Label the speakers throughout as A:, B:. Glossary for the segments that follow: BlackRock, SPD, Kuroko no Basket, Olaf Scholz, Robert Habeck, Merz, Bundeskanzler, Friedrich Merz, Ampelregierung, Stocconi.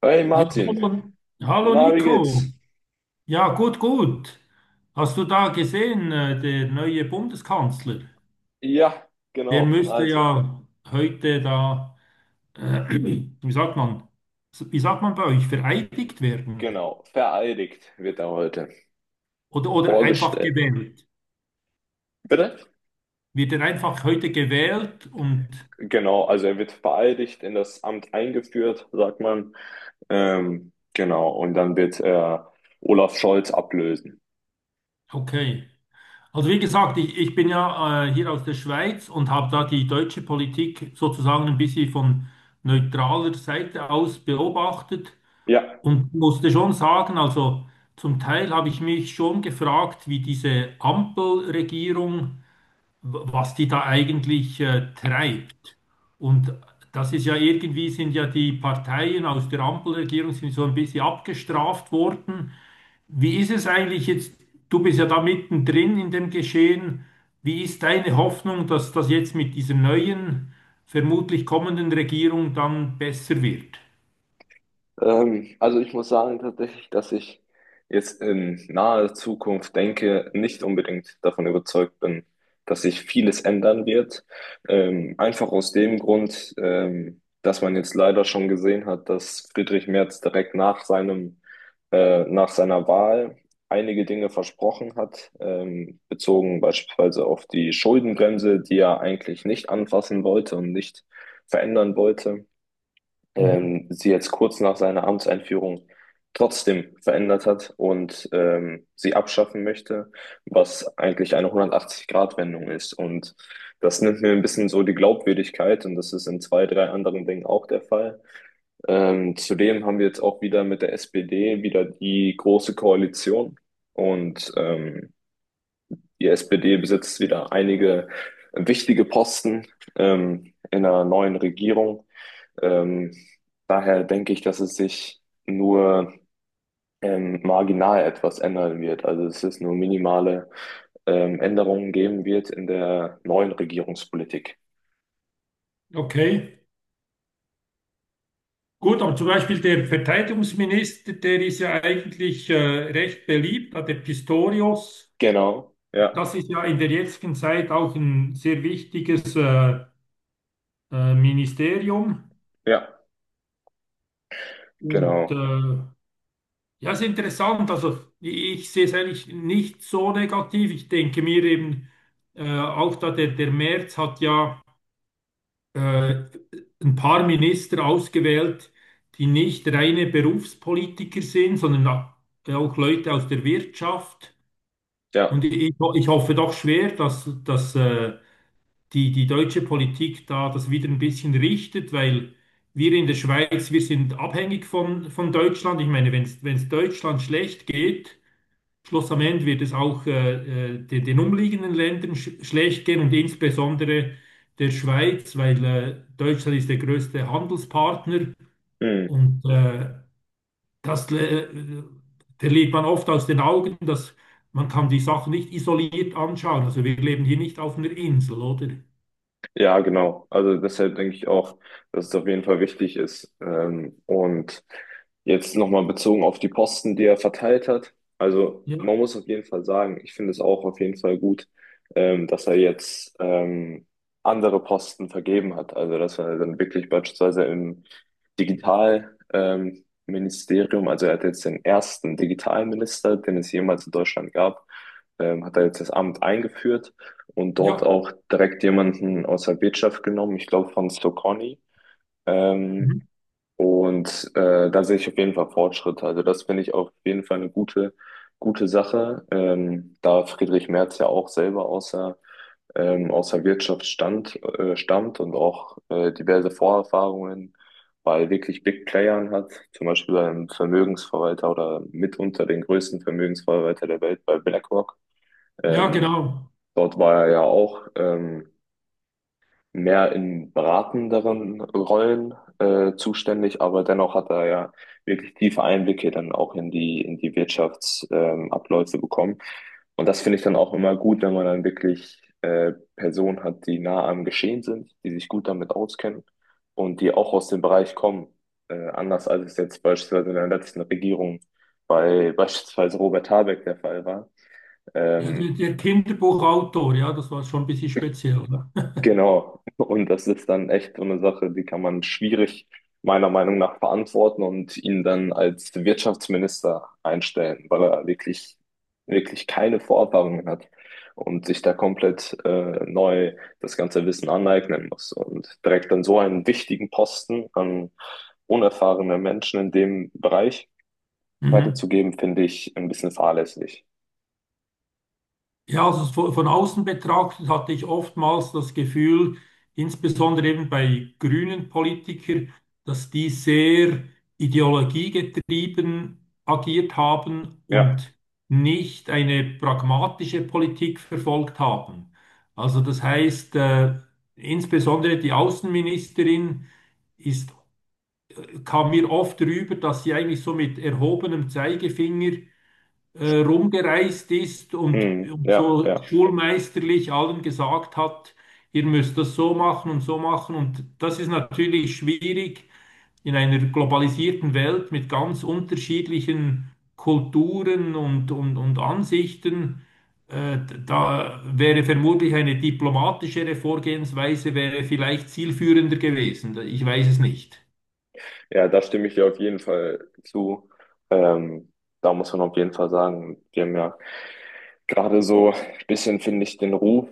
A: Hey
B: Ja,
A: Martin,
B: hallo, hallo
A: na, wie
B: Nico.
A: geht's?
B: Ja, gut, gut. Hast du da gesehen, der neue Bundeskanzler?
A: Ja,
B: Der
A: genau,
B: müsste
A: also,
B: ja heute da, äh, wie sagt man, wie sagt man bei euch, vereidigt werden
A: genau, vereidigt wird er heute
B: oder einfach
A: vorgestellt.
B: gewählt.
A: Bitte?
B: Wird er einfach heute gewählt und
A: Genau, also er wird vereidigt in das Amt eingeführt, sagt man. Genau, und dann wird er Olaf Scholz ablösen.
B: okay. Also wie gesagt, ich bin ja hier aus der Schweiz und habe da die deutsche Politik sozusagen ein bisschen von neutraler Seite aus beobachtet.
A: Ja.
B: Und musste schon sagen, also zum Teil habe ich mich schon gefragt, wie diese Ampelregierung, was die da eigentlich treibt. Und das ist ja irgendwie, sind ja die Parteien aus der Ampelregierung sind so ein bisschen abgestraft worden. Wie ist es eigentlich jetzt? Du bist ja da mittendrin in dem Geschehen. Wie ist deine Hoffnung, dass das jetzt mit dieser neuen, vermutlich kommenden Regierung dann besser wird?
A: Also ich muss sagen tatsächlich, dass ich jetzt in naher Zukunft denke, nicht unbedingt davon überzeugt bin, dass sich vieles ändern wird. Einfach aus dem Grund, dass man jetzt leider schon gesehen hat, dass Friedrich Merz direkt nach nach seiner Wahl einige Dinge versprochen hat, bezogen beispielsweise auf die Schuldenbremse, die er eigentlich nicht anfassen wollte und nicht verändern wollte
B: Mhm.
A: ähm, sie jetzt kurz nach seiner Amtseinführung trotzdem verändert hat und sie abschaffen möchte, was eigentlich eine 180-Grad-Wendung ist. Und das nimmt mir ein bisschen so die Glaubwürdigkeit und das ist in zwei, drei anderen Dingen auch der Fall. Zudem haben wir jetzt auch wieder mit der SPD wieder die große Koalition und, die SPD besitzt wieder einige wichtige Posten in einer neuen Regierung. Ähm, Daher denke ich, dass es sich nur marginal etwas ändern wird. Also es ist nur minimale Änderungen geben wird in der neuen Regierungspolitik.
B: Okay. Gut, aber zum Beispiel der Verteidigungsminister, der ist ja eigentlich recht beliebt, der Pistorius.
A: Genau, ja,
B: Das ist ja in der jetzigen Zeit auch ein sehr wichtiges Ministerium.
A: ja,
B: Und
A: genau,
B: ja, ist interessant. Also ich sehe es eigentlich nicht so negativ. Ich denke mir eben auch, da der, der Merz hat ja äh, ein paar Minister ausgewählt, die nicht reine Berufspolitiker sind, sondern auch Leute aus der Wirtschaft.
A: ja.
B: Und ich hoffe doch schwer, dass, dass die, die deutsche Politik da das wieder ein bisschen richtet, weil wir in der Schweiz, wir sind abhängig von Deutschland. Ich meine, wenn es Deutschland schlecht geht, Schluss am Ende wird es auch den, den umliegenden Ländern schlecht gehen und insbesondere der Schweiz, weil Deutschland ist der größte Handelspartner
A: Hm.
B: und das verliert man oft aus den Augen, dass man kann die Sachen nicht isoliert anschauen. Also wir leben hier nicht auf einer Insel, oder?
A: Ja, genau. Also deshalb denke ich auch, dass es auf jeden Fall wichtig ist. Und jetzt nochmal bezogen auf die Posten, die er verteilt hat. Also man
B: Ja,
A: muss auf jeden Fall sagen, ich finde es auch auf jeden Fall gut, dass er jetzt andere Posten vergeben hat. Also dass er dann wirklich beispielsweise im Digital, Ministerium, also er hat jetzt den ersten Digitalminister, den es jemals in Deutschland gab, hat er jetzt das Amt eingeführt und dort
B: ja,
A: auch direkt jemanden aus der Wirtschaft genommen, ich glaube von Stocconi.
B: mhm.
A: Ähm, da sehe ich auf jeden Fall Fortschritte. Also das finde ich auf jeden Fall eine gute, gute Sache, da Friedrich Merz ja auch selber aus aus der Wirtschaft stammt und auch diverse Vorerfahrungen bei wirklich Big Playern hat, zum Beispiel beim Vermögensverwalter oder mitunter den größten Vermögensverwalter der Welt bei BlackRock.
B: Ja,
A: Ähm,
B: genau.
A: Dort war er ja auch. Mehr in beratenderen Rollen zuständig, aber dennoch hat er ja wirklich tiefe Einblicke dann auch in in die Wirtschaftsabläufe Abläufe bekommen. Und das finde ich dann auch immer gut, wenn man dann wirklich Personen hat, die nah am Geschehen sind, die sich gut damit auskennen und die auch aus dem Bereich kommen. Anders als es jetzt beispielsweise in der letzten Regierung bei beispielsweise Robert Habeck der Fall war.
B: Ja,
A: Ähm,
B: der, der Kinderbuchautor, ja, das war schon ein bisschen speziell. Ne?
A: Genau. Und das ist dann echt so eine Sache, die kann man schwierig meiner Meinung nach verantworten und ihn dann als Wirtschaftsminister einstellen, weil er wirklich, wirklich keine Vorerfahrungen hat und sich da komplett neu das ganze Wissen aneignen muss. Und direkt an so einen wichtigen Posten an unerfahrene Menschen in dem Bereich
B: Mhm.
A: weiterzugeben, finde ich ein bisschen fahrlässig.
B: Ja, also so von außen betrachtet hatte ich oftmals das Gefühl, insbesondere eben bei grünen Politikern, dass die sehr ideologiegetrieben agiert haben
A: Ja,
B: und nicht eine pragmatische Politik verfolgt haben. Also das heißt, insbesondere die Außenministerin ist, kam mir oft rüber, dass sie eigentlich so mit erhobenem Zeigefinger rumgereist ist
A: mm,
B: und
A: ja,
B: so
A: ja.
B: schulmeisterlich allen gesagt hat, ihr müsst das so machen. Und das ist natürlich schwierig in einer globalisierten Welt mit ganz unterschiedlichen Kulturen und Ansichten. Äh, Da wäre vermutlich eine diplomatischere Vorgehensweise wäre vielleicht zielführender gewesen. Ich weiß es nicht.
A: Ja, da stimme ich dir auf jeden Fall zu. Ähm, Da muss man auf jeden Fall sagen, wir haben ja gerade so ein bisschen finde ich den Ruf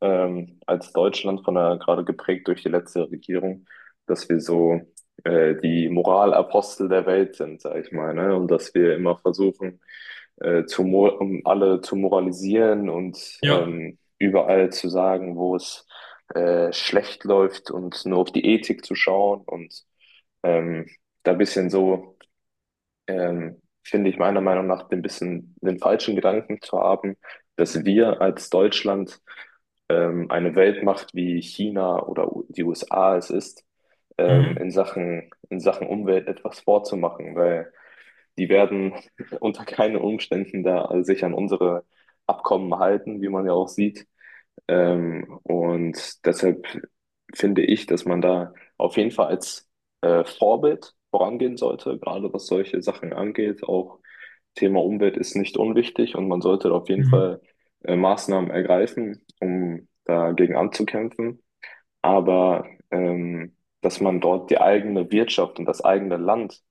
A: als Deutschland gerade geprägt durch die letzte Regierung, dass wir so die Moralapostel der Welt sind, sag ich mal, ne? Und dass wir immer versuchen, um alle zu moralisieren und
B: Ja.
A: überall zu sagen, wo es schlecht läuft und nur auf die Ethik zu schauen und ähm, da ein bisschen so finde ich meiner Meinung nach den bisschen den falschen Gedanken zu haben, dass wir als Deutschland eine Weltmacht wie China oder die USA es ist,
B: Mhm.
A: in Sachen Umwelt etwas vorzumachen, weil die werden unter keinen Umständen da sich an unsere Abkommen halten, wie man ja auch sieht. Und deshalb finde ich, dass man da auf jeden Fall als Vorbild vorangehen sollte, gerade was solche Sachen angeht. Auch Thema Umwelt ist nicht unwichtig und man sollte da auf jeden
B: Mhm.
A: Fall Maßnahmen ergreifen, um dagegen anzukämpfen. Aber dass man dort die eigene Wirtschaft und das eigene Land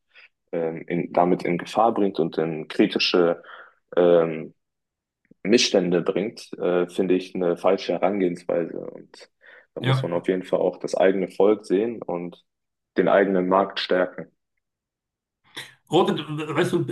A: damit in Gefahr bringt und in kritische ähm, Missstände bringt, finde ich eine falsche Herangehensweise. Und da muss man
B: Ja.
A: auf jeden Fall auch das eigene Volk sehen und den eigenen Markt stärken.
B: Oder, weißt du,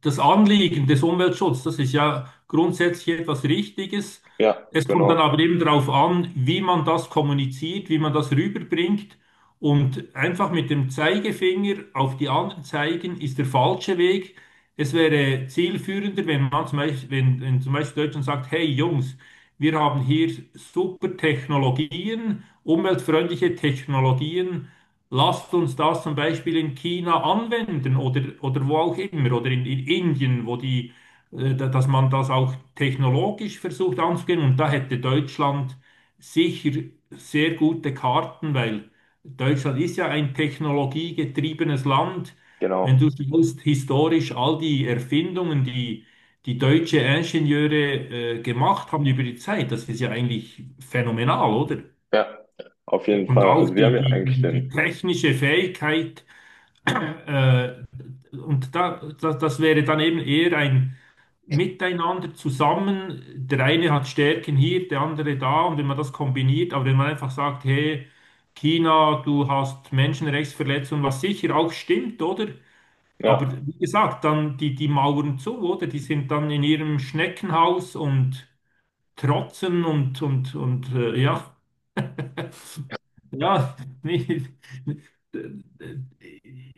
B: das Anliegen des Umweltschutzes, das ist ja grundsätzlich etwas Richtiges.
A: Ja,
B: Es kommt dann
A: genau,
B: aber eben darauf an, wie man das kommuniziert, wie man das rüberbringt. Und einfach mit dem Zeigefinger auf die anderen zeigen, ist der falsche Weg. Es wäre zielführender, wenn man zum Beispiel, wenn, wenn zum Beispiel Deutschland sagt, hey Jungs, wir haben hier super Technologien, umweltfreundliche Technologien. Lasst uns das zum Beispiel in China anwenden oder wo auch immer oder in Indien, wo die, dass man das auch technologisch versucht anzugehen. Und da hätte Deutschland sicher sehr gute Karten, weil Deutschland ist ja ein technologiegetriebenes Land. Wenn
A: genau.
B: du siehst, historisch all die Erfindungen, die deutsche Ingenieure gemacht haben über die Zeit, das ist ja eigentlich phänomenal, oder?
A: Ja, auf jeden
B: Und
A: Fall.
B: auch
A: Also wir haben
B: die,
A: ja
B: die,
A: eigentlich
B: die, die
A: den,
B: technische Fähigkeit, äh, und da, das, das wäre dann eben eher ein Miteinander zusammen. Der eine hat Stärken hier, der andere da, und wenn man das kombiniert, aber wenn man einfach sagt, hey, China, du hast Menschenrechtsverletzungen, was sicher auch stimmt, oder? Aber
A: ja.
B: wie gesagt, dann die, die Mauern zu, oder? Die sind dann in ihrem Schneckenhaus und trotzen und ja. Ja, nee,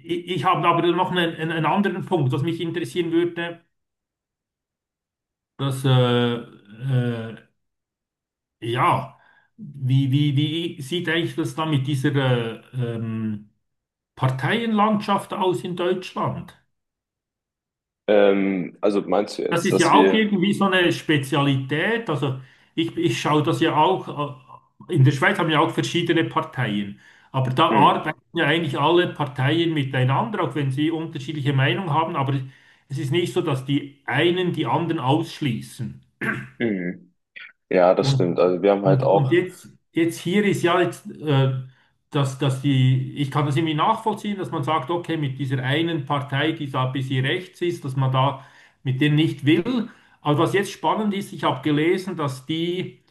B: ich habe aber noch einen, einen anderen Punkt, was mich interessieren würde, dass, äh, äh, ja, wie, wie, wie sieht eigentlich das da mit dieser äh, ähm, Parteienlandschaft aus in Deutschland?
A: Also meinst du
B: Das
A: jetzt,
B: ist
A: dass
B: ja auch
A: wir,
B: irgendwie so eine Spezialität. Also ich schaue das ja auch, in der Schweiz haben wir auch verschiedene Parteien, aber da
A: hm,
B: arbeiten ja eigentlich alle Parteien miteinander, auch wenn sie unterschiedliche Meinungen haben, aber es ist nicht so, dass die einen die anderen ausschließen.
A: hm, ja, das stimmt.
B: Und,
A: Also wir haben halt
B: und
A: auch,
B: jetzt, jetzt hier ist ja jetzt, dass, dass die, ich kann das irgendwie nachvollziehen, dass man sagt, okay, mit dieser einen Partei, die da ein bisschen rechts ist, dass man da mit denen nicht will. Aber was jetzt spannend ist, ich habe gelesen, dass die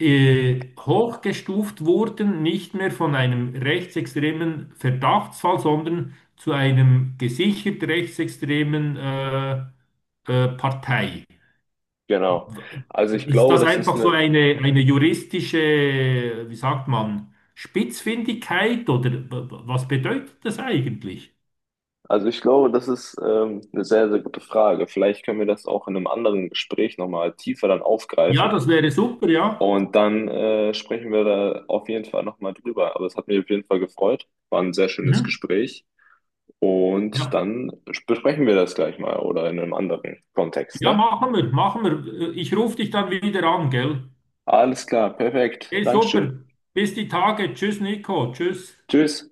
B: hochgestuft wurden, nicht mehr von einem rechtsextremen Verdachtsfall, sondern zu einem gesichert rechtsextremen Partei.
A: genau. Also ich
B: Ist
A: glaube,
B: das
A: das ist
B: einfach so
A: eine,
B: eine juristische, wie sagt man, Spitzfindigkeit oder was bedeutet das eigentlich?
A: also ich glaube, das ist eine sehr, sehr gute Frage. Vielleicht können wir das auch in einem anderen Gespräch nochmal tiefer dann
B: Ja,
A: aufgreifen.
B: das wäre super, ja.
A: Und dann sprechen wir da auf jeden Fall nochmal drüber. Aber es hat mich auf jeden Fall gefreut. War ein sehr schönes
B: Mhm.
A: Gespräch. Und
B: Ja,
A: dann besprechen wir das gleich mal oder in einem anderen Kontext,
B: ja,
A: ne?
B: machen wir, machen wir. Ich rufe dich dann wieder an, gell?
A: Alles klar, perfekt.
B: Hey,
A: Dankeschön.
B: super. Bis die Tage. Tschüss, Nico. Tschüss.
A: Tschüss.